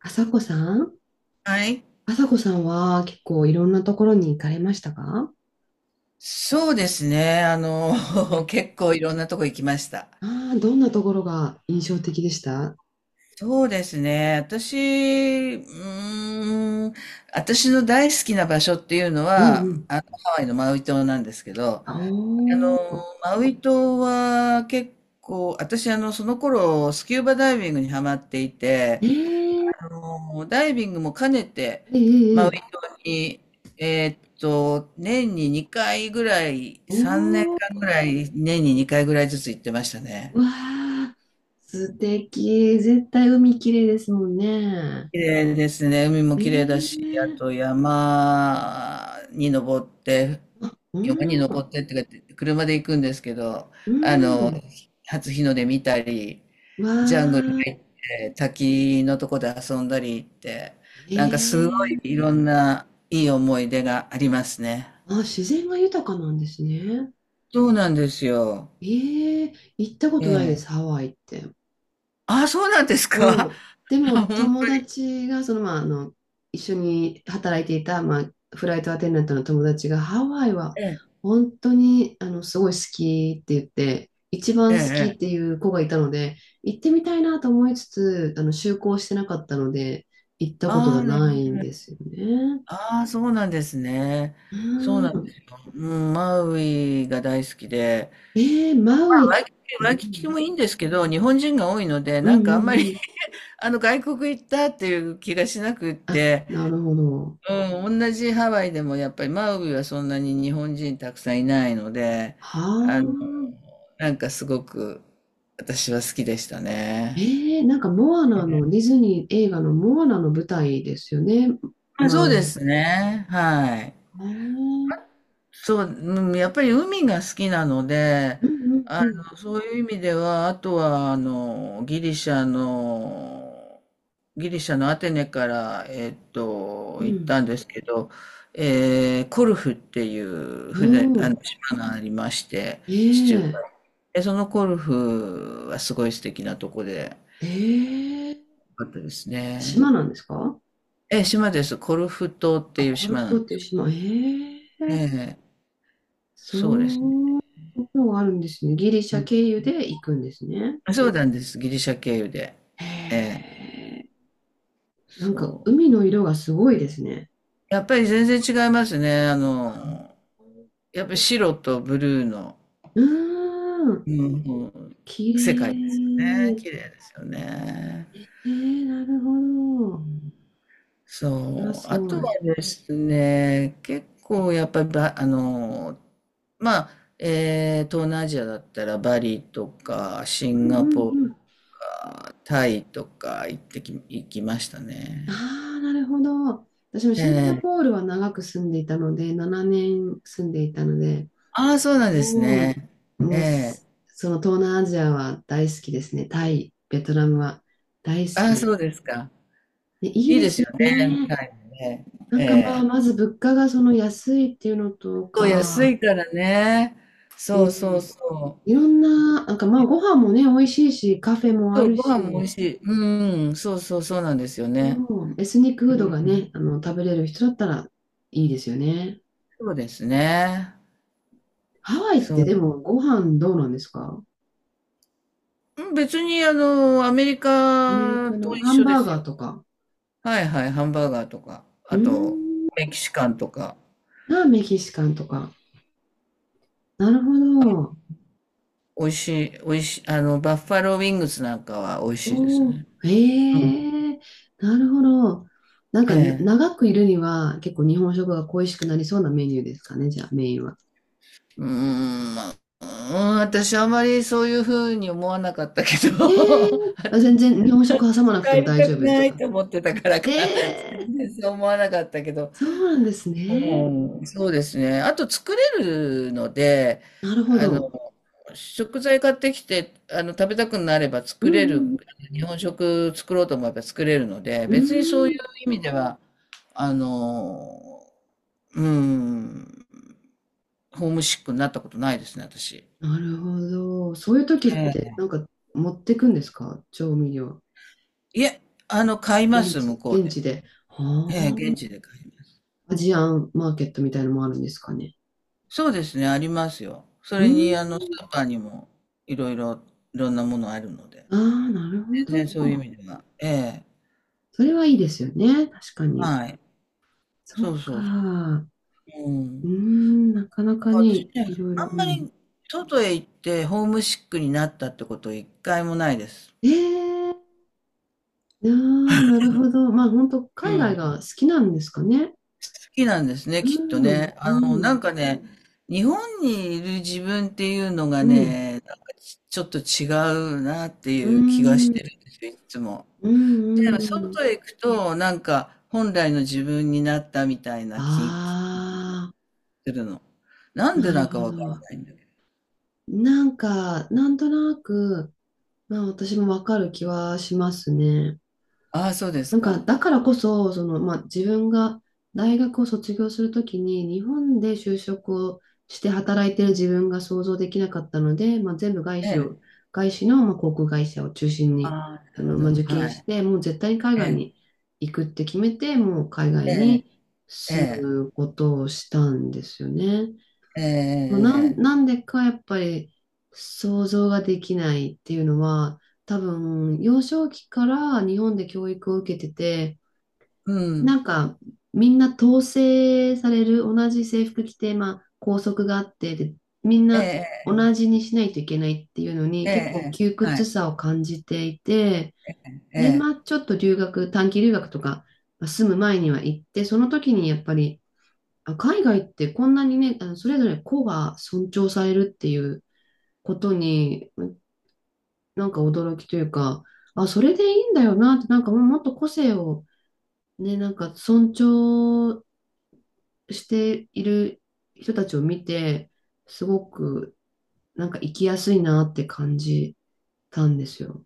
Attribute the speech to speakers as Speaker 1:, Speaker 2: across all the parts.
Speaker 1: あさこさん
Speaker 2: はい。
Speaker 1: あさこさんは結構いろんなところに行かれましたか？
Speaker 2: そうですね。
Speaker 1: うん。
Speaker 2: 結構いろんなとこ行きました。
Speaker 1: ああー、どんなところが印象的でした？
Speaker 2: そうですね。私の大好きな場所っていうの
Speaker 1: う
Speaker 2: は、
Speaker 1: んうん。
Speaker 2: ハワイのマウイ島なんですけど、
Speaker 1: おー、
Speaker 2: マウイ島は結構、私、その頃、スキューバダイビングにハマっていて、
Speaker 1: えー、
Speaker 2: ダイビングも兼ねて、
Speaker 1: え
Speaker 2: マウ
Speaker 1: えええ、
Speaker 2: イ島に、年に2回ぐらい、3年
Speaker 1: お
Speaker 2: 間
Speaker 1: ー、
Speaker 2: ぐらい、年に2回ぐらいずつ行ってましたね。
Speaker 1: うわー、素敵。絶対海きれいですもんね。
Speaker 2: 綺麗ですね。海も綺麗だし、あと
Speaker 1: ええ、
Speaker 2: 山に登って、
Speaker 1: う
Speaker 2: 山に
Speaker 1: ん、
Speaker 2: 登ってってか、車で行くんですけど、
Speaker 1: う
Speaker 2: あの、
Speaker 1: ん、
Speaker 2: 初日の出見たり、
Speaker 1: わ
Speaker 2: ジャングル
Speaker 1: ー、
Speaker 2: 入って、滝のとこで遊んだりって、なんかすご
Speaker 1: ええ、
Speaker 2: いいろんないい思い出がありますね。
Speaker 1: あ、自然が豊かなんですね。
Speaker 2: そうなんですよ。
Speaker 1: ええ、行ったこ
Speaker 2: え
Speaker 1: とないです、
Speaker 2: え。
Speaker 1: ハワイって。
Speaker 2: ああ、そうなんですか。
Speaker 1: そう。で も
Speaker 2: あ、本
Speaker 1: 友
Speaker 2: 当に。
Speaker 1: 達がその、まあ、一緒に働いていた、まあ、フライトアテンダントの友達がハワイは
Speaker 2: ええ、
Speaker 1: 本当にすごい好きって言って一番
Speaker 2: え
Speaker 1: 好き
Speaker 2: え。
Speaker 1: ってい
Speaker 2: ええ、
Speaker 1: う子がいたので、行ってみたいなと思いつつ就航してなかったので行ったこと
Speaker 2: あ
Speaker 1: が
Speaker 2: あ、なる
Speaker 1: ないん
Speaker 2: ほ
Speaker 1: で
Speaker 2: ど。
Speaker 1: すよね。
Speaker 2: ああ、そうなんですね。
Speaker 1: う
Speaker 2: そうなんで
Speaker 1: ん。
Speaker 2: すよ。うん、マウイが大好きで、
Speaker 1: えー、マ
Speaker 2: ま
Speaker 1: ウイ
Speaker 2: あ、
Speaker 1: って。
Speaker 2: ワ
Speaker 1: う
Speaker 2: イキキ
Speaker 1: ん
Speaker 2: もいいんですけど、日本人が多いので、
Speaker 1: う
Speaker 2: な
Speaker 1: ん
Speaker 2: んかあんまり、
Speaker 1: うん。
Speaker 2: 外国行ったっていう気がしなくっ
Speaker 1: あ、
Speaker 2: て、
Speaker 1: なるほど。
Speaker 2: うん、同じハワイでもやっぱりマウイはそんなに日本人たくさんいないので、
Speaker 1: は
Speaker 2: あ
Speaker 1: あ。
Speaker 2: の、なんかすごく私は好きでしたね。
Speaker 1: ええ、なんかモアナの、ディズニー映画のモアナの舞台ですよね、
Speaker 2: まあ、そ
Speaker 1: マ
Speaker 2: う
Speaker 1: ウ
Speaker 2: で
Speaker 1: イ。
Speaker 2: すね。はい。
Speaker 1: ああ、うん
Speaker 2: そう、うん、やっぱり海が好きなので、
Speaker 1: うんうん
Speaker 2: そういう意味では、あとは、ギリシャのアテネから、
Speaker 1: う
Speaker 2: 行っ
Speaker 1: ん。
Speaker 2: たんですけど、コルフっていう
Speaker 1: お
Speaker 2: 船、
Speaker 1: お、
Speaker 2: 島がありまして、地中海。
Speaker 1: ええ
Speaker 2: で、そのコルフはすごい素敵なとこで、
Speaker 1: ええ、
Speaker 2: あかったですね。
Speaker 1: 島なんですか？
Speaker 2: え、島です。コルフ島っ
Speaker 1: あ、
Speaker 2: ていう
Speaker 1: コル
Speaker 2: 島
Speaker 1: フ
Speaker 2: なん
Speaker 1: 島っ
Speaker 2: で
Speaker 1: てい
Speaker 2: す。
Speaker 1: う島。え
Speaker 2: え
Speaker 1: え、
Speaker 2: え、
Speaker 1: そ
Speaker 2: そうですね。
Speaker 1: ういうがあるんですね。ギリシャ経由で行くんですね。
Speaker 2: あ、そうなんです。ギリシャ経由で。ええ、
Speaker 1: へえ、なんか
Speaker 2: そう。
Speaker 1: 海の色がすごいですね。
Speaker 2: やっぱり全然違いますね。やっぱり白とブルーの、
Speaker 1: うーん、
Speaker 2: うんうん、
Speaker 1: 綺
Speaker 2: 世界ですよね。
Speaker 1: 麗。
Speaker 2: 綺麗ですよね。
Speaker 1: えー、なるほど。それは
Speaker 2: そう。
Speaker 1: す
Speaker 2: あ
Speaker 1: ご
Speaker 2: とは
Speaker 1: い。
Speaker 2: ですね、結構やっぱりば、まあ、東南アジアだったらバリとかシ
Speaker 1: うん
Speaker 2: ン
Speaker 1: う
Speaker 2: ガ
Speaker 1: ん
Speaker 2: ポー
Speaker 1: う
Speaker 2: ルと
Speaker 1: ん。
Speaker 2: かタイとか行きました
Speaker 1: あ
Speaker 2: ね。
Speaker 1: あ、なるほど。私もシンガ
Speaker 2: ええ、
Speaker 1: ポールは長く住んでいたので、7年住んでいたので、
Speaker 2: ああ、そうなんです
Speaker 1: も
Speaker 2: ね。
Speaker 1: う、
Speaker 2: え
Speaker 1: もうす、
Speaker 2: え。
Speaker 1: その東南アジアは大好きですね。タイ、ベトナムは大好
Speaker 2: あ
Speaker 1: き
Speaker 2: あ、
Speaker 1: です。
Speaker 2: そうですか。
Speaker 1: ね、いい
Speaker 2: いい
Speaker 1: で
Speaker 2: です
Speaker 1: すよ
Speaker 2: よね、
Speaker 1: ね。
Speaker 2: タイもね。
Speaker 1: な
Speaker 2: え
Speaker 1: んかまあ、
Speaker 2: え。
Speaker 1: まず物価がその安いっていうのと
Speaker 2: そう、安
Speaker 1: か、
Speaker 2: いからね。
Speaker 1: う
Speaker 2: そうそう
Speaker 1: ん、
Speaker 2: そう。
Speaker 1: いろんな、なんかまあ、ご飯もね、美味しいし、カフェもあ
Speaker 2: そう、
Speaker 1: る
Speaker 2: ご飯も美味
Speaker 1: し、
Speaker 2: しい。うん、そうそうそうなんですよ
Speaker 1: そ
Speaker 2: ね。
Speaker 1: う、エスニックフー
Speaker 2: う
Speaker 1: ドがね、
Speaker 2: ん。
Speaker 1: 食べれる人だったらいいですよね。
Speaker 2: そうですね。
Speaker 1: ハワイっ
Speaker 2: そ
Speaker 1: て
Speaker 2: う。
Speaker 1: でもご飯どうなんですか？
Speaker 2: うん、別にアメリ
Speaker 1: アメリ
Speaker 2: カ
Speaker 1: カ
Speaker 2: と
Speaker 1: の
Speaker 2: 一
Speaker 1: ハン
Speaker 2: 緒で
Speaker 1: バー
Speaker 2: す
Speaker 1: ガー
Speaker 2: よ。
Speaker 1: とか。
Speaker 2: はいはい、ハンバーガーとか、
Speaker 1: うー
Speaker 2: あと、
Speaker 1: ん。
Speaker 2: メキシカンとか、
Speaker 1: あ、メキシカンとか。なるほど。
Speaker 2: 美味しい、美味しい、バッファローウィングスなんかは美味しいです
Speaker 1: おー。
Speaker 2: ね。うん。
Speaker 1: へえ。なるほど。なん
Speaker 2: え
Speaker 1: かな、
Speaker 2: え。
Speaker 1: 長くいるには結構日本食が恋しくなりそうなメニューですかね、じゃあメインは。
Speaker 2: まあ、うーん、私あまりそういうふうに思わなかったけ
Speaker 1: ええ。
Speaker 2: ど、
Speaker 1: あ、全然日本食挟まなくて
Speaker 2: 帰
Speaker 1: も
Speaker 2: り
Speaker 1: 大
Speaker 2: た
Speaker 1: 丈
Speaker 2: く
Speaker 1: 夫です
Speaker 2: ない
Speaker 1: か？
Speaker 2: と思ってたからか、
Speaker 1: ええ。
Speaker 2: 全然そう思わなかったけど、
Speaker 1: そうなんですね。
Speaker 2: うん、そうですね。あと作れるので、
Speaker 1: なるほ
Speaker 2: あの、
Speaker 1: ど。
Speaker 2: 食材買ってきて、食べたくなれば
Speaker 1: う
Speaker 2: 作れ
Speaker 1: んう
Speaker 2: る、
Speaker 1: ん。
Speaker 2: 日本食作ろうと思えば作れるので、
Speaker 1: う
Speaker 2: 別にそう
Speaker 1: ー
Speaker 2: いう
Speaker 1: ん。
Speaker 2: 意味では、あの、うん、ホームシックになったことないですね、私。
Speaker 1: なるほど。そういう時って、なんか持ってくんですか、調味料？
Speaker 2: いえ、買いま
Speaker 1: 現
Speaker 2: す、向
Speaker 1: 地、
Speaker 2: こう
Speaker 1: 現
Speaker 2: で。
Speaker 1: 地で。
Speaker 2: ええ、
Speaker 1: は
Speaker 2: 現地で買います。
Speaker 1: あ。アジアンマーケットみたいのもあるんですかね？
Speaker 2: そうですね、ありますよ。そ
Speaker 1: う
Speaker 2: れに、ス
Speaker 1: ん。
Speaker 2: ーパーにも、いろいろ、いろんなものあるので。
Speaker 1: ああ、なるほ
Speaker 2: 全然そういう
Speaker 1: ど。
Speaker 2: 意味では。ええ、
Speaker 1: それはいいですよね。確かに。
Speaker 2: はい。
Speaker 1: そ
Speaker 2: そ
Speaker 1: っ
Speaker 2: うそうそう。
Speaker 1: か。
Speaker 2: うん。
Speaker 1: うー
Speaker 2: だ
Speaker 1: ん、なかな
Speaker 2: か
Speaker 1: か
Speaker 2: ら私
Speaker 1: ね、
Speaker 2: ね、
Speaker 1: いろいろ。う
Speaker 2: あんま
Speaker 1: ん。
Speaker 2: り、外へ行って、ホームシックになったってこと、一回もないです。
Speaker 1: ええー、ああ、なるほど。まあ、本当
Speaker 2: う
Speaker 1: 海外
Speaker 2: ん。
Speaker 1: が好きなんですかね。
Speaker 2: 好きなんですね、きっと
Speaker 1: うん、
Speaker 2: ね。
Speaker 1: う
Speaker 2: なん
Speaker 1: ん、
Speaker 2: かね、日本にいる自分っていうのが
Speaker 1: うん、
Speaker 2: ね、なんかちょっと違うなって
Speaker 1: う
Speaker 2: いう気がし
Speaker 1: ん、
Speaker 2: てるんですよ、いつも。
Speaker 1: う
Speaker 2: で、
Speaker 1: ん、うん。
Speaker 2: 外へ行くと、なんか本来の自分になったみたいな気が
Speaker 1: ああ。
Speaker 2: するの。なんで
Speaker 1: なる
Speaker 2: なんか
Speaker 1: ほ
Speaker 2: わから
Speaker 1: ど。
Speaker 2: ないんだけど。
Speaker 1: なんか、なんとなく、まあ私もわかる気はしますね。
Speaker 2: ああ、そうです
Speaker 1: なんか、
Speaker 2: か。
Speaker 1: だからこそ、その、まあ自分が大学を卒業するときに、日本で就職をして働いてる自分が想像できなかったので、まあ全部外
Speaker 2: え
Speaker 1: 資
Speaker 2: え。
Speaker 1: を、外資の、まあ、航空会社を中心
Speaker 2: あ
Speaker 1: に、
Speaker 2: あ、なるほ
Speaker 1: まあ
Speaker 2: ど。
Speaker 1: 受験
Speaker 2: は
Speaker 1: し
Speaker 2: い。
Speaker 1: て、もう絶対に海
Speaker 2: え
Speaker 1: 外
Speaker 2: え、
Speaker 1: に行くって決めて、もう海外に
Speaker 2: ええ、
Speaker 1: 住
Speaker 2: ええ、
Speaker 1: むことをしたんですよね。
Speaker 2: ええ、ええ、
Speaker 1: なん、
Speaker 2: え
Speaker 1: な
Speaker 2: え、
Speaker 1: んでかやっぱり想像ができないっていうのは、多分幼少期から日本で教育を受けてて、
Speaker 2: う
Speaker 1: な
Speaker 2: ん。
Speaker 1: んかみんな統制される同じ制服着て、まあ、校則があってで、みんな
Speaker 2: ええ、
Speaker 1: 同じにしないといけないっていうのに
Speaker 2: ええ、え
Speaker 1: 結
Speaker 2: え、
Speaker 1: 構
Speaker 2: え
Speaker 1: 窮
Speaker 2: え、は
Speaker 1: 屈
Speaker 2: い。
Speaker 1: さを感じていて、
Speaker 2: え
Speaker 1: で
Speaker 2: え。
Speaker 1: まあちょっと留学、短期留学とかまあ住む前には行って、その時にやっぱり、あ、海外ってこんなにね、それぞれ個が尊重されるっていうことに、なんか驚きというか、あ、それでいいんだよなって、なんかもうもっと個性をね、なんか尊重している人たちを見て、すごくなんか生きやすいなって感じたんですよ。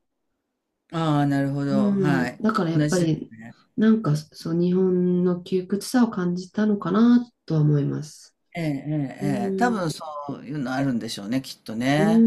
Speaker 2: ああ、なるほ
Speaker 1: う
Speaker 2: ど。は
Speaker 1: ん。
Speaker 2: い。
Speaker 1: だからやっ
Speaker 2: 同
Speaker 1: ぱ
Speaker 2: じです。
Speaker 1: り、なんかそう、日本の窮屈さを感じたのかなとは思います。
Speaker 2: ええ、え
Speaker 1: う
Speaker 2: え、ええ。多分
Speaker 1: ん。
Speaker 2: そういうのあるんでしょうね、きっと
Speaker 1: う
Speaker 2: ね。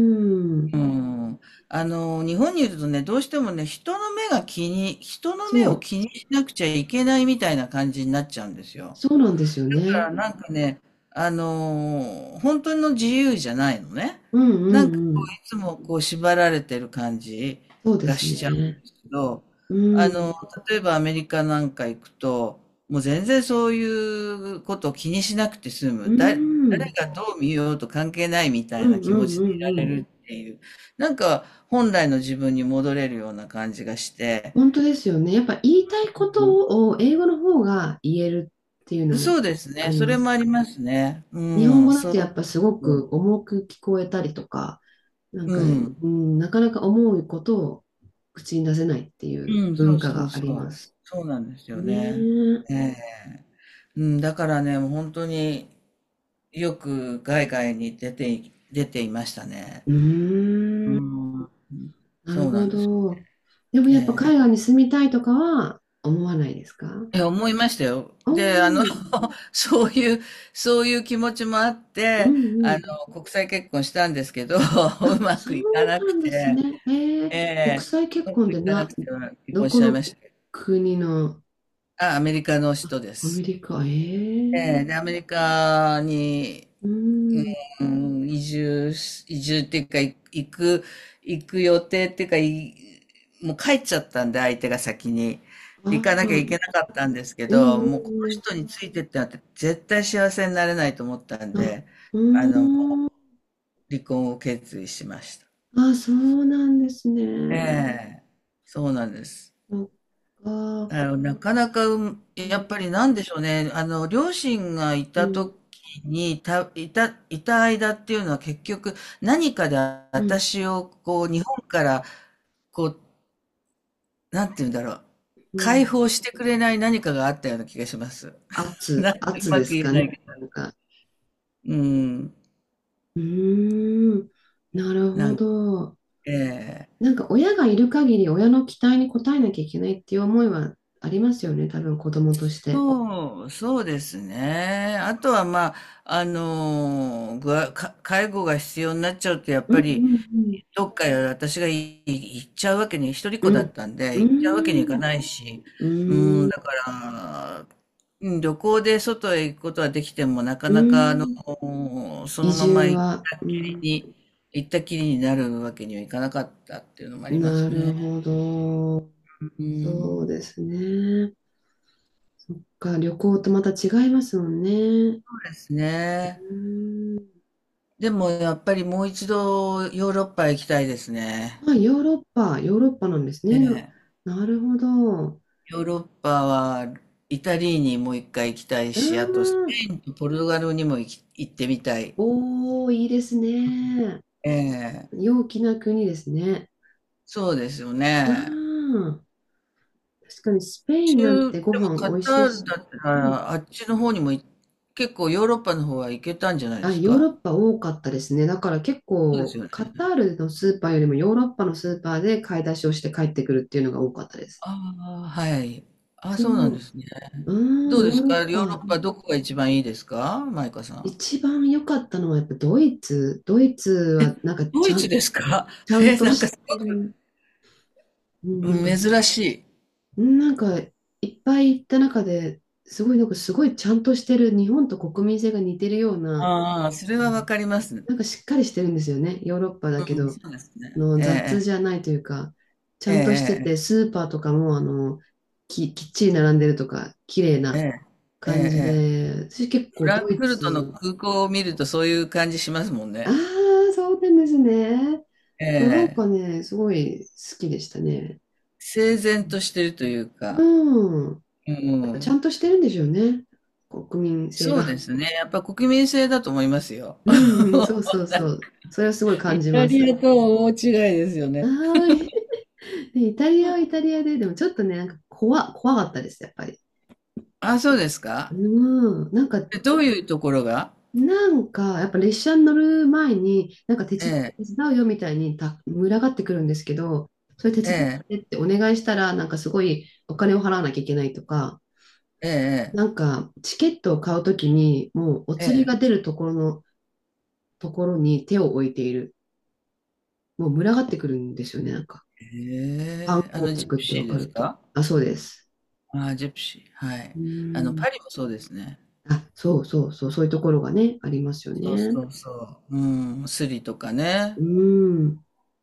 Speaker 2: うん。日本にいるとね、どうしてもね、人の目
Speaker 1: そ
Speaker 2: を気
Speaker 1: う。
Speaker 2: にしなくちゃいけないみたいな感じになっちゃうんですよ。
Speaker 1: そうなんですよ
Speaker 2: か
Speaker 1: ね。
Speaker 2: らなんかね、あの本当の自由じゃないのね。
Speaker 1: うんう
Speaker 2: なんかこう
Speaker 1: んうん。
Speaker 2: いつもこう縛られてる感じ
Speaker 1: そうで
Speaker 2: が
Speaker 1: す
Speaker 2: しちゃうんで
Speaker 1: ね。
Speaker 2: すけど、あ
Speaker 1: う
Speaker 2: の、
Speaker 1: ん。
Speaker 2: 例えばアメリカなんか行くと、もう全然そういうことを気にしなくて済
Speaker 1: う
Speaker 2: む。だ、誰
Speaker 1: ん。
Speaker 2: がどう見ようと関係ないみた
Speaker 1: う
Speaker 2: い
Speaker 1: ん
Speaker 2: な
Speaker 1: う
Speaker 2: 気持
Speaker 1: ん
Speaker 2: ち
Speaker 1: う
Speaker 2: でい
Speaker 1: んう
Speaker 2: ら
Speaker 1: ん。
Speaker 2: れるっていう、なんか本来の自分に戻れるような感じがして、
Speaker 1: 本当ですよね。やっぱ言いたいことを英語の方が言えるっていうの
Speaker 2: そ
Speaker 1: も
Speaker 2: うです
Speaker 1: あ
Speaker 2: ね。
Speaker 1: り
Speaker 2: そ
Speaker 1: ま
Speaker 2: れ
Speaker 1: す。
Speaker 2: もありますね。う
Speaker 1: 日本
Speaker 2: ん、
Speaker 1: 語だ
Speaker 2: そ
Speaker 1: とやっぱすごく
Speaker 2: う。
Speaker 1: 重く聞こえたりとか、なん
Speaker 2: う
Speaker 1: か、
Speaker 2: ん。
Speaker 1: うん、なかなか思うことを口に出せないっていう
Speaker 2: うん、そ
Speaker 1: 文
Speaker 2: う
Speaker 1: 化
Speaker 2: そう
Speaker 1: があ
Speaker 2: そ
Speaker 1: りま
Speaker 2: う。
Speaker 1: す。
Speaker 2: そうなんですよ
Speaker 1: ねえ。
Speaker 2: ね。
Speaker 1: う
Speaker 2: ええ。うん、だからね、もう本当によく海外に出てい、出ていましたね。
Speaker 1: ー
Speaker 2: う
Speaker 1: ん。
Speaker 2: ん、
Speaker 1: なる
Speaker 2: そうな
Speaker 1: ほ
Speaker 2: んです。
Speaker 1: ど。でもやっぱ海外に住みたいとかは思わないですか？
Speaker 2: え、思いましたよ。
Speaker 1: ああ、
Speaker 2: で、
Speaker 1: うん
Speaker 2: そういう、そういう気持ちもあっ
Speaker 1: う
Speaker 2: て、
Speaker 1: ん。
Speaker 2: 国際結婚したんですけど、う
Speaker 1: あ、
Speaker 2: ま
Speaker 1: そ
Speaker 2: くいかな
Speaker 1: う
Speaker 2: く
Speaker 1: なんです
Speaker 2: て、
Speaker 1: ね。えー、
Speaker 2: え
Speaker 1: 国
Speaker 2: え、
Speaker 1: 際結
Speaker 2: うま
Speaker 1: 婚
Speaker 2: くい
Speaker 1: で
Speaker 2: かな
Speaker 1: な、
Speaker 2: くて結
Speaker 1: ど
Speaker 2: 婚し
Speaker 1: こ
Speaker 2: ちゃいま
Speaker 1: の
Speaker 2: し
Speaker 1: 国の、
Speaker 2: た。あ、アメリカの
Speaker 1: あ、
Speaker 2: 人で
Speaker 1: アメ
Speaker 2: す。
Speaker 1: リカ、え
Speaker 2: え
Speaker 1: ー、
Speaker 2: え、で、アメリカに、
Speaker 1: うん、
Speaker 2: うん、移住っていうか、い行く、行く予定っていうか、い、もう帰っちゃったんで、相手が先に。
Speaker 1: あ
Speaker 2: 行かなきゃいけ
Speaker 1: ら、
Speaker 2: なかったんですけ
Speaker 1: えー、
Speaker 2: ど、もうこの
Speaker 1: え
Speaker 2: 人
Speaker 1: ー、
Speaker 2: についてってなって、絶対幸せになれないと思ったん
Speaker 1: あ、
Speaker 2: で、
Speaker 1: う
Speaker 2: あの、
Speaker 1: ーん、
Speaker 2: 離婚を決意しました。
Speaker 1: あ、そうなんです
Speaker 2: え
Speaker 1: ね。
Speaker 2: え、そうなんです。
Speaker 1: そっか、
Speaker 2: なかなか、うん、
Speaker 1: う
Speaker 2: や
Speaker 1: ん、
Speaker 2: っぱりなんでしょうね。両親がい
Speaker 1: う
Speaker 2: た
Speaker 1: ん、
Speaker 2: 時に、いた間っていうのは結局何かで
Speaker 1: うん、
Speaker 2: 私をこう、日本から、こう、なんて言うんだろう。
Speaker 1: う
Speaker 2: 解
Speaker 1: ん。
Speaker 2: 放してくれない何かがあったような気がします。な
Speaker 1: 圧、
Speaker 2: ん、う
Speaker 1: 圧
Speaker 2: ま
Speaker 1: で
Speaker 2: く
Speaker 1: す
Speaker 2: 言え
Speaker 1: かね。
Speaker 2: ないけど。
Speaker 1: なんか、
Speaker 2: うん。
Speaker 1: うーん、なるほ
Speaker 2: な
Speaker 1: ど。
Speaker 2: ん、ええ、
Speaker 1: なんか親がいる限り親の期待に応えなきゃいけないっていう思いはありますよね、多分子供として。
Speaker 2: そう、そうですね。あとはまあ、ぐわか介護が必要になっちゃうと、やっ
Speaker 1: うん
Speaker 2: ぱ
Speaker 1: う
Speaker 2: り、
Speaker 1: ん
Speaker 2: どっかへ私がい行っちゃうわけに、一人っ子
Speaker 1: う
Speaker 2: だ
Speaker 1: ん。
Speaker 2: ったんで、
Speaker 1: う
Speaker 2: 行っちゃうわけにい
Speaker 1: ん。う
Speaker 2: かないし、うん、だ
Speaker 1: ん。
Speaker 2: から、うん、旅行で外へ行くことはできても、なか
Speaker 1: う
Speaker 2: なか、
Speaker 1: ん。
Speaker 2: そ
Speaker 1: 移
Speaker 2: のまま
Speaker 1: 住
Speaker 2: 行っ
Speaker 1: は、
Speaker 2: た
Speaker 1: う
Speaker 2: っきり
Speaker 1: ん。
Speaker 2: に、行ったきりになるわけにはいかなかったっていうのもありま
Speaker 1: な
Speaker 2: す
Speaker 1: る
Speaker 2: ね。
Speaker 1: ほど。
Speaker 2: う
Speaker 1: そう
Speaker 2: ん、
Speaker 1: ですね。か、旅行とまた違いますもんね。
Speaker 2: そうですね。
Speaker 1: うん。
Speaker 2: でも、やっぱりもう一度ヨーロッパへ行きたいですね。
Speaker 1: まあ、ヨーロッパ、ヨーロッパなんです
Speaker 2: え
Speaker 1: ね。な、
Speaker 2: え。
Speaker 1: なるほど。
Speaker 2: ヨーロッパはイタリーにもう一回行きたい
Speaker 1: あ
Speaker 2: し、あとスペ
Speaker 1: あ、
Speaker 2: インとポルトガルにも行ってみたい。
Speaker 1: おー、いいですね。
Speaker 2: ええ、
Speaker 1: 陽気な国ですね。
Speaker 2: そうですよ
Speaker 1: あ
Speaker 2: ね。
Speaker 1: あ、確かにスペインなん
Speaker 2: 中、
Speaker 1: てご
Speaker 2: でも
Speaker 1: 飯
Speaker 2: カ
Speaker 1: 美味
Speaker 2: タ
Speaker 1: しい
Speaker 2: ー
Speaker 1: し、
Speaker 2: ルだった
Speaker 1: うん、
Speaker 2: らあっちの方にもい、結構ヨーロッパの方は行けたんじゃないで
Speaker 1: あ、
Speaker 2: す
Speaker 1: ヨー
Speaker 2: か？
Speaker 1: ロッパ多かったですね。だから結
Speaker 2: そうです
Speaker 1: 構
Speaker 2: よね。
Speaker 1: カタールのスーパーよりもヨーロッパのスーパーで買い出しをして帰ってくるっていうのが多かったです。
Speaker 2: ああ、はい。ああ、
Speaker 1: そ
Speaker 2: そうなん
Speaker 1: う。
Speaker 2: ですね。
Speaker 1: う
Speaker 2: ど
Speaker 1: ん、
Speaker 2: う
Speaker 1: ヨ
Speaker 2: で
Speaker 1: ー
Speaker 2: す
Speaker 1: ロッ
Speaker 2: か、ヨーロ
Speaker 1: パ。
Speaker 2: ッパ、どこが一番いいですか、マイカさん？
Speaker 1: 一番良かったのはやっぱドイツ。ドイツはなんか
Speaker 2: ド
Speaker 1: ち
Speaker 2: イ
Speaker 1: ゃ
Speaker 2: ツ
Speaker 1: ん、
Speaker 2: ですか？
Speaker 1: ちゃ ん
Speaker 2: え、
Speaker 1: と
Speaker 2: なんか
Speaker 1: し
Speaker 2: す
Speaker 1: てる。うん、
Speaker 2: ご
Speaker 1: なんか、
Speaker 2: い珍しい。
Speaker 1: うん、なんかいっぱい行った中で、すごいなんかすごいちゃんとしてる、日本と国民性が似てるような、
Speaker 2: ああ、それはわかります。
Speaker 1: なんかしっかりしてるんですよね。ヨーロッパだけ
Speaker 2: うん、
Speaker 1: ど、
Speaker 2: そうですね。え
Speaker 1: 雑じゃ
Speaker 2: え、
Speaker 1: ないというか、ちゃんとしてて、
Speaker 2: ええ、
Speaker 1: スーパーとかもき、きっちり並んでるとか、綺麗
Speaker 2: ええ、
Speaker 1: な
Speaker 2: ええ、ええ、
Speaker 1: 感
Speaker 2: え
Speaker 1: じ
Speaker 2: え、
Speaker 1: で、私結
Speaker 2: フ
Speaker 1: 構
Speaker 2: ラ
Speaker 1: ド
Speaker 2: ンク
Speaker 1: イ
Speaker 2: フルトの
Speaker 1: ツ、
Speaker 2: 空港を見るとそういう感じしますもん
Speaker 1: ああ、
Speaker 2: ね。
Speaker 1: そうなんですね。
Speaker 2: え
Speaker 1: そう、なんか
Speaker 2: え。
Speaker 1: ね、すごい好きでしたね。
Speaker 2: 整然としてるというか、
Speaker 1: うん。
Speaker 2: う
Speaker 1: やっぱちゃ
Speaker 2: ん。
Speaker 1: んとしてるんでしょうね。国民性
Speaker 2: そうで
Speaker 1: が。
Speaker 2: すね。やっぱ国民性だと思いますよ。
Speaker 1: うんうん、そう そうそう。それはすごい
Speaker 2: イ
Speaker 1: 感じ
Speaker 2: タ
Speaker 1: ま
Speaker 2: リア
Speaker 1: す。
Speaker 2: とは大違いですよ
Speaker 1: は
Speaker 2: ね。
Speaker 1: ーい。で、イタリアはイタリアで、でもちょっとね、なんか怖、怖かったです、やっぱり。
Speaker 2: あ、そうですか。
Speaker 1: うん、なんか、
Speaker 2: え、どういうところが？
Speaker 1: なんか、やっぱ列車に乗る前に、なんか手
Speaker 2: え
Speaker 1: 伝
Speaker 2: え、
Speaker 1: う、手伝うよみたいにた、群がってくるんですけど、それ手
Speaker 2: え
Speaker 1: 伝っ
Speaker 2: え、
Speaker 1: てってお願いしたら、なんかすごいお金を払わなきゃいけないとか、
Speaker 2: ええ、
Speaker 1: なんかチケットを買うときに、もうお
Speaker 2: ええ、え
Speaker 1: 釣りが
Speaker 2: え。
Speaker 1: 出るところの、ところに手を置いている。もう群がってくるんですよね、なんか。観
Speaker 2: あ
Speaker 1: 光
Speaker 2: のジプ
Speaker 1: 客って
Speaker 2: シ
Speaker 1: わ
Speaker 2: ー
Speaker 1: か
Speaker 2: です
Speaker 1: ると。
Speaker 2: か？
Speaker 1: あ、そうです。
Speaker 2: ああ、ジプシー、はい。
Speaker 1: う
Speaker 2: あの
Speaker 1: ん、
Speaker 2: パリもそうですね。
Speaker 1: あ、そうそうそう、そういうところがね、ありますよ
Speaker 2: そう
Speaker 1: ね。
Speaker 2: そうそう。うん、スリとかね。
Speaker 1: うん。